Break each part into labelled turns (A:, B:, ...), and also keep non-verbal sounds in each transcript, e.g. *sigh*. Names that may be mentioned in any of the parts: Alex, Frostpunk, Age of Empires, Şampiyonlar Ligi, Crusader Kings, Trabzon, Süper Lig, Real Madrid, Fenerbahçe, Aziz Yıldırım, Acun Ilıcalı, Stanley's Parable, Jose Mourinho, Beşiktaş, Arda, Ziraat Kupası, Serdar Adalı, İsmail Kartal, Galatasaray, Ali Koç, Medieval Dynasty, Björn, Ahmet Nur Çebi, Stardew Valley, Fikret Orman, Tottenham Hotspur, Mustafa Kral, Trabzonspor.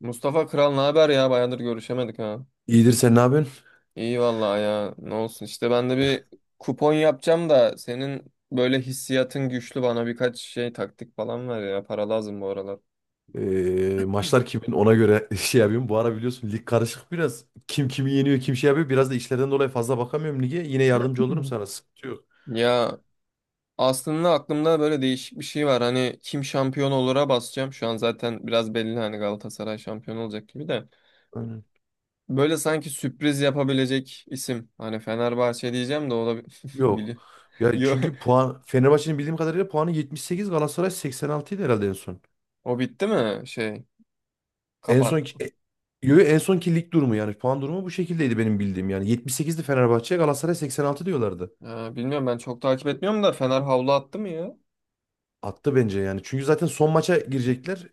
A: Mustafa Kral ne haber ya? Bayağıdır görüşemedik ha.
B: İyidir sen ne yapıyorsun?
A: İyi vallahi ya. Ne olsun işte ben de bir kupon yapacağım da senin böyle hissiyatın güçlü bana birkaç şey taktik falan ver ya. Para lazım bu aralar.
B: Maçlar kimin ona göre *laughs* şey yapıyorum. Bu ara biliyorsun lig karışık biraz. Kim kimi yeniyor kim şey yapıyor. Biraz da işlerden dolayı fazla bakamıyorum lige. Yine
A: *clears throat*
B: yardımcı olurum
A: Hı.
B: sana. Sıkıntı yok.
A: Ya aslında aklımda böyle değişik bir şey var. Hani kim şampiyon olur'a basacağım. Şu an zaten biraz belli hani Galatasaray şampiyon olacak gibi de.
B: Aynen.
A: Böyle sanki sürpriz yapabilecek isim. Hani Fenerbahçe diyeceğim de o da *laughs*
B: Yok.
A: bili.
B: Ya
A: Yo,
B: çünkü puan Fenerbahçe'nin, bildiğim kadarıyla, puanı 78, Galatasaray 86 idi herhalde en son.
A: o bitti mi şey?
B: En son,
A: Kapat.
B: yo, yo, en sonki lig durumu yani puan durumu bu şekildeydi benim bildiğim yani. 78'di Fenerbahçe, Galatasaray 86 diyorlardı.
A: Bilmiyorum ben çok takip etmiyorum da Fener havlu attı mı ya?
B: Attı bence yani. Çünkü zaten son maça girecekler.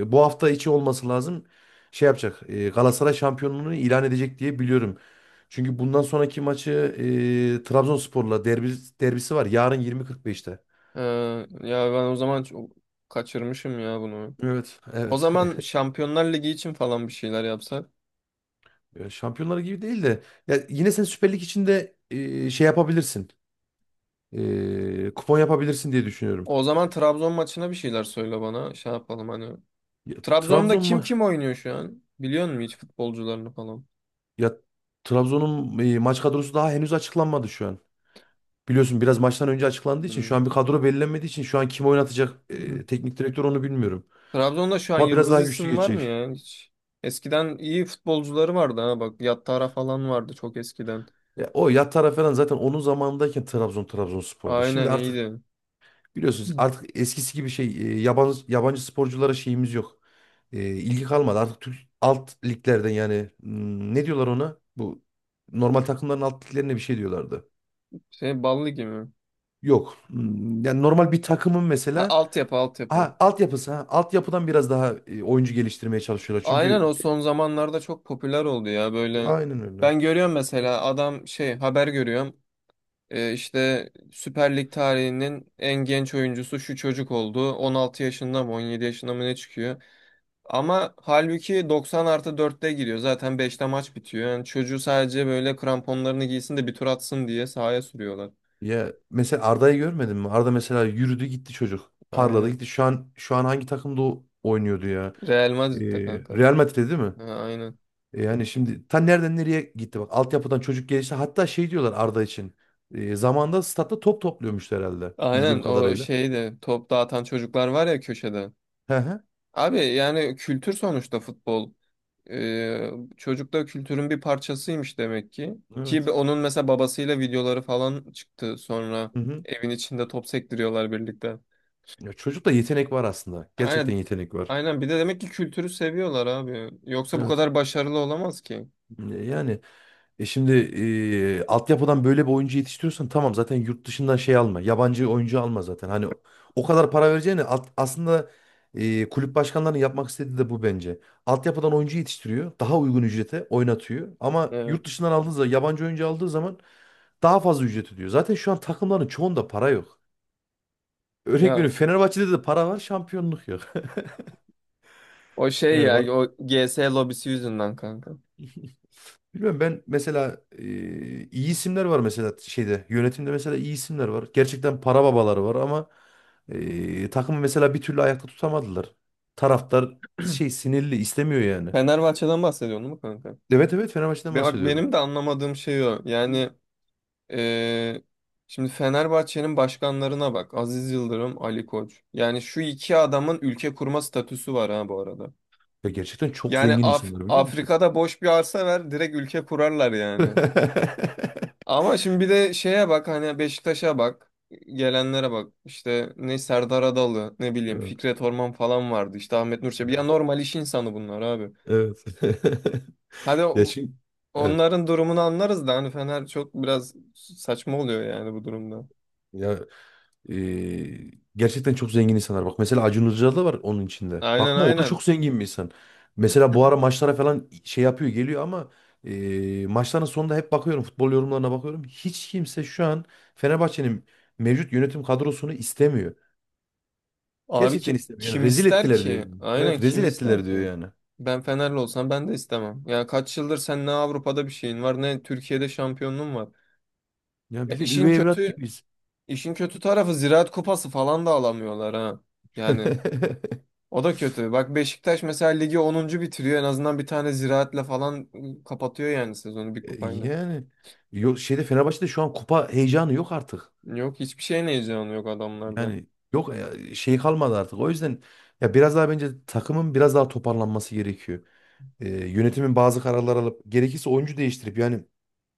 B: Bu hafta içi olması lazım. Şey yapacak. Galatasaray şampiyonluğunu ilan edecek diye biliyorum. Çünkü bundan sonraki maçı Trabzonspor'la derbisi var. Yarın 20.45'te.
A: Ee, ya ben o zaman çok kaçırmışım ya bunu.
B: Evet,
A: O
B: evet. *laughs*
A: zaman Şampiyonlar Ligi için falan bir şeyler yapsak.
B: Ya Şampiyonlar gibi değil de ya yine sen Süper Lig içinde şey yapabilirsin. Kupon yapabilirsin diye düşünüyorum.
A: O zaman Trabzon maçına bir şeyler söyle bana. Şey yapalım hani.
B: Ya,
A: Trabzon'da
B: Trabzon
A: kim
B: mu?
A: kim oynuyor şu an? Biliyor musun hiç futbolcularını falan?
B: Ya Trabzon'un maç kadrosu daha henüz açıklanmadı şu an. Biliyorsun biraz maçtan önce açıklandığı için
A: Hmm.
B: şu an bir kadro belirlenmediği için şu an kim oynatacak,
A: *laughs*
B: teknik direktör, onu bilmiyorum.
A: Trabzon'da şu an
B: Ama biraz
A: yıldız
B: daha güçlü
A: isim var mı
B: geçecek.
A: ya hiç? Eskiden iyi futbolcuları vardı ha bak. Yattara falan vardı çok eskiden.
B: Ya, o Yatara falan zaten onun zamanındayken Trabzon Trabzonspor'du.
A: Aynen
B: Şimdi artık
A: iyiydi.
B: biliyorsunuz
A: Hı.
B: artık eskisi gibi şey, yabancı sporculara şeyimiz yok. İlgi kalmadı. Artık Türk alt liglerden yani, ne diyorlar ona? Bu normal takımların alt liglerine bir şey diyorlardı.
A: Şey Ballı gibi.
B: Yok. Yani normal bir takımın
A: Ha,
B: mesela.
A: altyapı altyapı.
B: Ha, altyapısı ha. Altyapıdan biraz daha oyuncu geliştirmeye çalışıyorlar.
A: Aynen
B: Çünkü
A: o son zamanlarda çok popüler oldu ya böyle.
B: aynen öyle.
A: Ben görüyorum mesela adam şey haber görüyorum. İşte Süper Lig tarihinin en genç oyuncusu şu çocuk oldu. 16 yaşında mı 17 yaşında mı ne çıkıyor. Ama halbuki 90 artı 4'te giriyor. Zaten 5'te maç bitiyor. Yani çocuğu sadece böyle kramponlarını giysin de bir tur atsın diye sahaya sürüyorlar.
B: Ya mesela Arda'yı görmedin mi? Arda mesela yürüdü gitti çocuk. Parladı
A: Aynen.
B: gitti. Şu an hangi takımda oynuyordu ya?
A: Real
B: Ee,
A: Madrid'de kanka.
B: Real Madrid'de değil mi?
A: Ha, aynen.
B: Yani şimdi ta nereden nereye gitti bak. Altyapıdan çocuk gelişti. Hatta şey diyorlar Arda için. Zamanında statta top topluyormuş herhalde. Bildiğim
A: Aynen o
B: kadarıyla.
A: şeyde top dağıtan çocuklar var ya köşede.
B: He he.
A: Abi yani kültür sonuçta futbol. Ee, çocuk da kültürün bir parçasıymış demek ki. Ki
B: Evet.
A: onun mesela babasıyla videoları falan çıktı sonra
B: Hı hı.
A: evin içinde top sektiriyorlar birlikte.
B: Ya çocukta yetenek var aslında. Gerçekten
A: Aynen,
B: yetenek var.
A: aynen bir de demek ki kültürü seviyorlar abi. Yoksa bu
B: Evet.
A: kadar başarılı olamaz ki.
B: Yani, şimdi, altyapıdan böyle bir oyuncu yetiştiriyorsan tamam, zaten yurt dışından şey alma. Yabancı oyuncu alma zaten. Hani o kadar para vereceğine, aslında, kulüp başkanlarının yapmak istediği de bu bence. Altyapıdan oyuncu yetiştiriyor. Daha uygun ücrete oynatıyor. Ama yurt
A: Evet.
B: dışından aldığı zaman, yabancı oyuncu aldığı zaman, daha fazla ücret ödüyor. Zaten şu an takımların çoğunda para yok. Örnek
A: Ya
B: veriyorum, Fenerbahçe'de de para var, şampiyonluk yok. *laughs*
A: o şey
B: Yani
A: ya o G S lobisi yüzünden kanka.
B: bilmiyorum, ben mesela, iyi isimler var mesela şeyde, yönetimde mesela iyi isimler var. Gerçekten para babaları var ama, takımı mesela bir türlü ayakta tutamadılar. Taraftar şey, sinirli, istemiyor yani.
A: Fenerbahçe'den bahsediyorsun değil mi kanka?
B: Evet, evet, Fenerbahçe'den
A: Bak
B: bahsediyorum.
A: benim de anlamadığım şey o. Yani Ee, şimdi Fenerbahçe'nin başkanlarına bak. Aziz Yıldırım, Ali Koç. Yani şu iki adamın ülke kurma statüsü var ha bu arada.
B: Ya gerçekten çok
A: Yani
B: zengin insanlar, biliyor musun?
A: Afrika'da boş bir arsa ver, direkt ülke kurarlar yani.
B: *laughs*
A: Ama şimdi bir de şeye bak hani Beşiktaş'a bak. Gelenlere bak. İşte ne Serdar Adalı, ne bileyim
B: Evet.
A: Fikret Orman falan vardı. İşte Ahmet Nur Çebi. Ya
B: Evet.
A: normal iş insanı bunlar abi.
B: *laughs* Evet.
A: Hadi
B: Ya şimdi, evet.
A: onların durumunu anlarız da hani Fener çok biraz saçma oluyor yani bu durumda.
B: Ya gerçekten çok zengin insanlar. Bak mesela Acun Ilıcalı da var onun içinde.
A: Aynen
B: Bakma, o da
A: aynen.
B: çok zengin bir insan. Mesela bu ara maçlara falan şey yapıyor, geliyor ama maçların sonunda hep bakıyorum, futbol yorumlarına bakıyorum. Hiç kimse şu an Fenerbahçe'nin mevcut yönetim kadrosunu istemiyor.
A: Abi
B: Gerçekten
A: ki,
B: istemiyor. Yani
A: kim
B: rezil
A: ister
B: ettiler diyor
A: ki?
B: yani.
A: Aynen
B: Evet,
A: kim
B: rezil
A: ister
B: ettiler diyor
A: ki?
B: yani.
A: Ben Fenerli olsam ben de istemem. Ya kaç yıldır sen ne Avrupa'da bir şeyin var ne Türkiye'de şampiyonluğun var.
B: Ya
A: Ya
B: bildiğin üvey evlat gibiyiz.
A: işin kötü tarafı Ziraat Kupası falan da alamıyorlar ha. Yani
B: *laughs*
A: o da kötü. Bak Beşiktaş mesela ligi 10. bitiriyor. En azından bir tane Ziraat'le falan kapatıyor yani sezonu bir kupayla.
B: Yani yok, şeyde, Fenerbahçe'de şu an kupa heyecanı yok artık.
A: Yok hiçbir şeyin heyecanı yok adamlarda.
B: Yani yok ya, şey kalmadı artık. O yüzden ya biraz daha, bence, takımın biraz daha toparlanması gerekiyor. Yönetimin bazı kararlar alıp, gerekirse oyuncu değiştirip, yani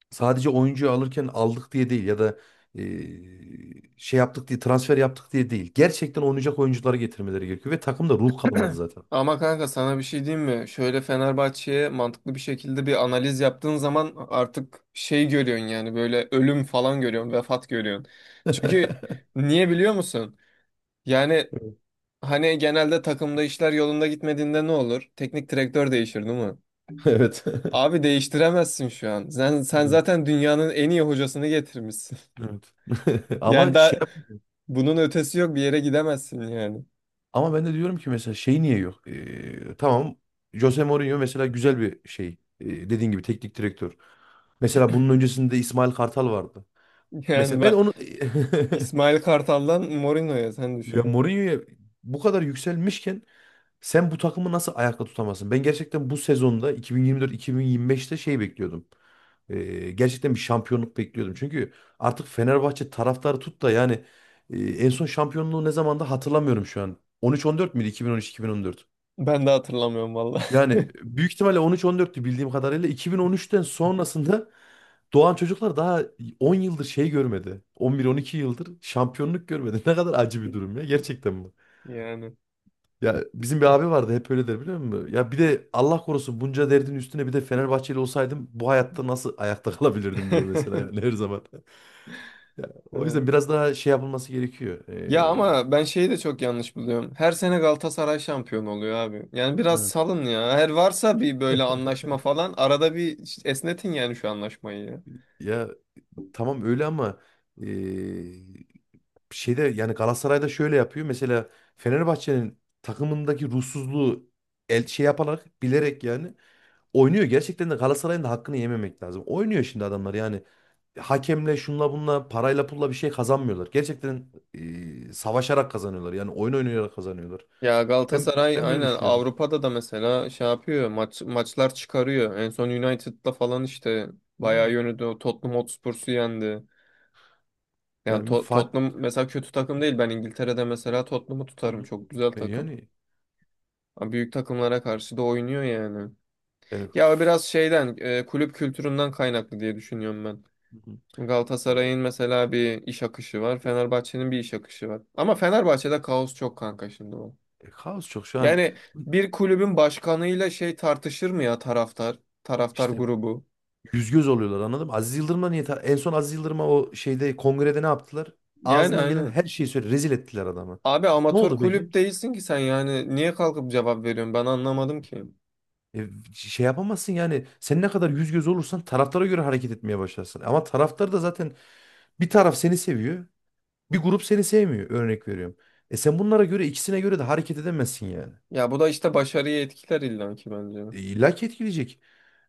B: sadece oyuncuyu alırken aldık diye değil ya da şey yaptık diye, transfer yaptık diye değil. Gerçekten oynayacak oyuncuları getirmeleri gerekiyor ve takımda ruh kalmadı zaten.
A: Ama kanka sana bir şey diyeyim mi? Şöyle Fenerbahçe'ye mantıklı bir şekilde bir analiz yaptığın zaman artık şey görüyorsun yani böyle ölüm falan görüyorsun, vefat görüyorsun. Çünkü niye biliyor musun? Yani hani genelde takımda işler yolunda gitmediğinde ne olur? Teknik direktör değişir değil mi?
B: *laughs* Evet. *laughs*
A: Abi değiştiremezsin şu an. Sen
B: Evet.
A: zaten dünyanın en iyi hocasını getirmişsin.
B: Evet. E,
A: *laughs* Yani
B: Ama şey
A: daha
B: yap-
A: bunun ötesi yok bir yere gidemezsin yani.
B: ama ben de diyorum ki mesela şey niye yok? Tamam, Jose Mourinho mesela güzel bir şey. Dediğin gibi teknik direktör. Mesela bunun öncesinde İsmail Kartal vardı.
A: *laughs* Yani
B: Mesela ben
A: ben
B: onu
A: İsmail
B: *laughs*
A: Kartal'dan Mourinho'ya sen
B: ya
A: düşün.
B: Mourinho'ya bu kadar yükselmişken sen bu takımı nasıl ayakta tutamazsın? Ben gerçekten bu sezonda, 2024-2025'te şey bekliyordum. Gerçekten bir şampiyonluk bekliyordum. Çünkü artık Fenerbahçe taraftarı tut da yani, en son şampiyonluğu ne zamanda hatırlamıyorum şu an. 13-14 müydü? 2013-2014.
A: Ben de hatırlamıyorum valla. *laughs*
B: Yani büyük ihtimalle 13-14'tü bildiğim kadarıyla. 2013'ten sonrasında doğan çocuklar daha 10 yıldır şey görmedi. 11-12 yıldır şampiyonluk görmedi. *laughs* Ne kadar acı bir durum ya, gerçekten bu.
A: Yani.
B: Ya bizim bir abi vardı, hep öyle der, biliyor musun? Ya, bir de Allah korusun, bunca derdin üstüne bir de Fenerbahçeli olsaydım bu hayatta nasıl ayakta *laughs* kalabilirdim diyor mesela,
A: *laughs*
B: yani her zaman. *laughs* Ya, o
A: Evet.
B: yüzden biraz daha şey yapılması gerekiyor.
A: Ya ama ben şeyi de çok yanlış buluyorum. Her sene Galatasaray şampiyon oluyor abi. Yani biraz
B: Evet.
A: salın ya. Her varsa bir böyle anlaşma falan arada bir işte esnetin yani şu anlaşmayı ya.
B: *laughs* Ya, tamam öyle ama e, şeyde, yani Galatasaray'da şöyle yapıyor. Mesela Fenerbahçe'nin takımındaki ruhsuzluğu, şey yaparak, bilerek yani oynuyor. Gerçekten de Galatasaray'ın da hakkını yememek lazım. Oynuyor şimdi adamlar yani. Hakemle, şunla bunla, parayla pulla bir şey kazanmıyorlar. Gerçekten, savaşarak kazanıyorlar. Yani oyun oynayarak kazanıyorlar.
A: Ya
B: Ben
A: Galatasaray
B: ben böyle
A: aynen
B: düşünüyorum.
A: Avrupa'da da mesela şey yapıyor maçlar çıkarıyor. En son United'la falan işte bayağı
B: Yani
A: yönüdü. O Tottenham Hotspur'u yendi. Yani
B: yani,
A: Tottenham
B: Fatih,
A: mesela kötü takım değil. Ben İngiltere'de mesela Tottenham'ı tutarım. Çok güzel takım.
B: yani
A: Ama büyük takımlara karşı da oynuyor yani.
B: yani
A: Ya o
B: f-
A: biraz şeyden kulüp kültüründen kaynaklı diye düşünüyorum ben.
B: Hı hı.
A: Şimdi
B: e,
A: Galatasaray'ın mesela bir iş akışı var. Fenerbahçe'nin bir iş akışı var. Ama Fenerbahçe'de kaos çok kanka şimdi.
B: Kaos çok şu an,
A: Yani bir kulübün başkanıyla şey tartışır mı ya taraftar
B: işte
A: grubu?
B: yüz göz oluyorlar, anladın mı? Aziz Yıldırım'la niye, en son Aziz Yıldırım'a o şeyde, kongrede ne yaptılar?
A: Yani
B: Ağzından gelen
A: aynen.
B: her şeyi söyle, rezil ettiler adamı.
A: Abi
B: Ne
A: amatör
B: oldu peki?
A: kulüp değilsin ki sen yani niye kalkıp cevap veriyorsun ben anlamadım ki.
B: E, şey yapamazsın, yani sen ne kadar yüz göz olursan taraftara göre hareket etmeye başlarsın. Ama taraftar da zaten bir taraf seni seviyor, bir grup seni sevmiyor, örnek veriyorum. Sen bunlara göre, ikisine göre de hareket edemezsin yani.
A: Ya bu da işte başarıyı etkiler illa ki bence.
B: İlla ki etkileyecek.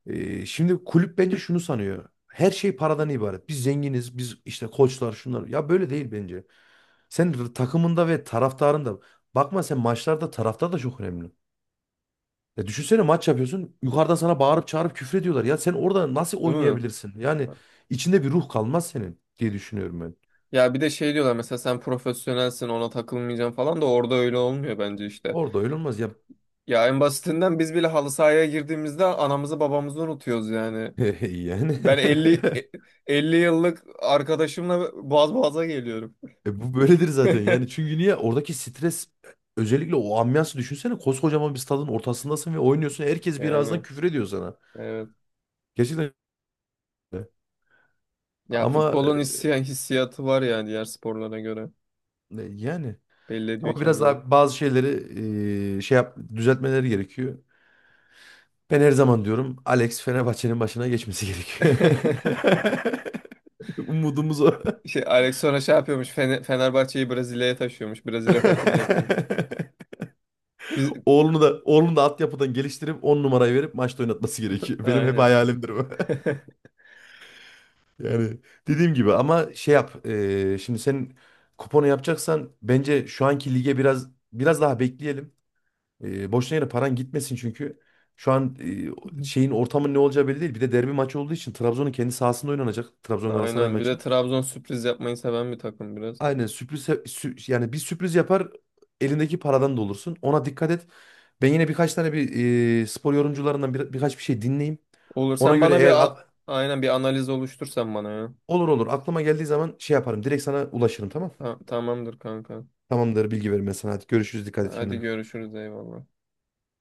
B: Şimdi kulüp bence şunu sanıyor: her şey paradan ibaret. Biz zenginiz, biz işte koçlar şunlar. Ya böyle değil bence. Sen takımında ve taraftarında, bakma, sen maçlarda, taraftar da çok önemli. Ya düşünsene, maç yapıyorsun. Yukarıdan sana bağırıp çağırıp küfür ediyorlar. Ya sen orada nasıl
A: Değil mi?
B: oynayabilirsin? Yani içinde bir ruh kalmaz senin, diye düşünüyorum ben.
A: Ya bir de şey diyorlar mesela sen profesyonelsin ona takılmayacaksın falan da orada öyle olmuyor bence işte.
B: Orada öyle olmaz ya.
A: Ya en basitinden biz bile halı sahaya girdiğimizde anamızı babamızı unutuyoruz yani.
B: *laughs* Yani.
A: Ben
B: *laughs*
A: 50 yıllık arkadaşımla boğaz boğaza geliyorum.
B: Bu böyledir zaten, yani
A: *laughs*
B: çünkü niye, oradaki stres, özellikle o ambiyansı düşünsene, koskocaman bir stadın ortasındasın ve oynuyorsun, herkes birazdan
A: Yani
B: küfür ediyor sana.
A: evet.
B: Gerçekten öyle.
A: Ya
B: Ama
A: futbolun hissiyatı var yani diğer sporlara göre.
B: yani,
A: Belli ediyor
B: ama biraz
A: kendini.
B: daha bazı şeyleri şey yap, düzeltmeleri gerekiyor. Ben her zaman diyorum, Alex Fenerbahçe'nin başına geçmesi gerekiyor.
A: *laughs*
B: *laughs* Umudumuz o.
A: Şey, Alex sonra şey yapıyormuş. Fenerbahçe'yi Brezilya'ya taşıyormuş. Brezilya takımı yapıyormuş.
B: *laughs*
A: Biz
B: Oğlunu da, oğlunu da altyapıdan geliştirip, 10 numarayı verip maçta oynatması
A: *laughs*
B: gerekiyor. Benim hep
A: aynen.
B: hayalimdir bu.
A: *laughs*
B: Yani dediğim gibi, ama şey yap, şimdi sen kuponu yapacaksan bence şu anki lige biraz daha bekleyelim. Boşuna yere paran gitmesin çünkü. Şu an şeyin, ortamın ne olacağı belli değil. Bir de derbi maçı olduğu için Trabzon'un kendi sahasında oynanacak, Trabzon Galatasaray
A: Aynen. Bir de
B: maçı.
A: Trabzon sürpriz yapmayı seven bir takım biraz.
B: Aynen, sürpriz yani, bir sürpriz yapar, elindeki paradan da olursun. Ona dikkat et. Ben yine birkaç tane bir spor yorumcularından birkaç bir şey dinleyeyim.
A: Olur.
B: Ona
A: Sen
B: göre,
A: bana
B: eğer
A: aynen bir analiz oluştursan bana ya.
B: olur olur aklıma geldiği zaman şey yaparım. Direkt sana ulaşırım, tamam?
A: Ha, tamamdır kanka.
B: Tamamdır, bilgi verim ben sana. Hadi görüşürüz. Dikkat et
A: Hadi
B: kendine.
A: görüşürüz eyvallah.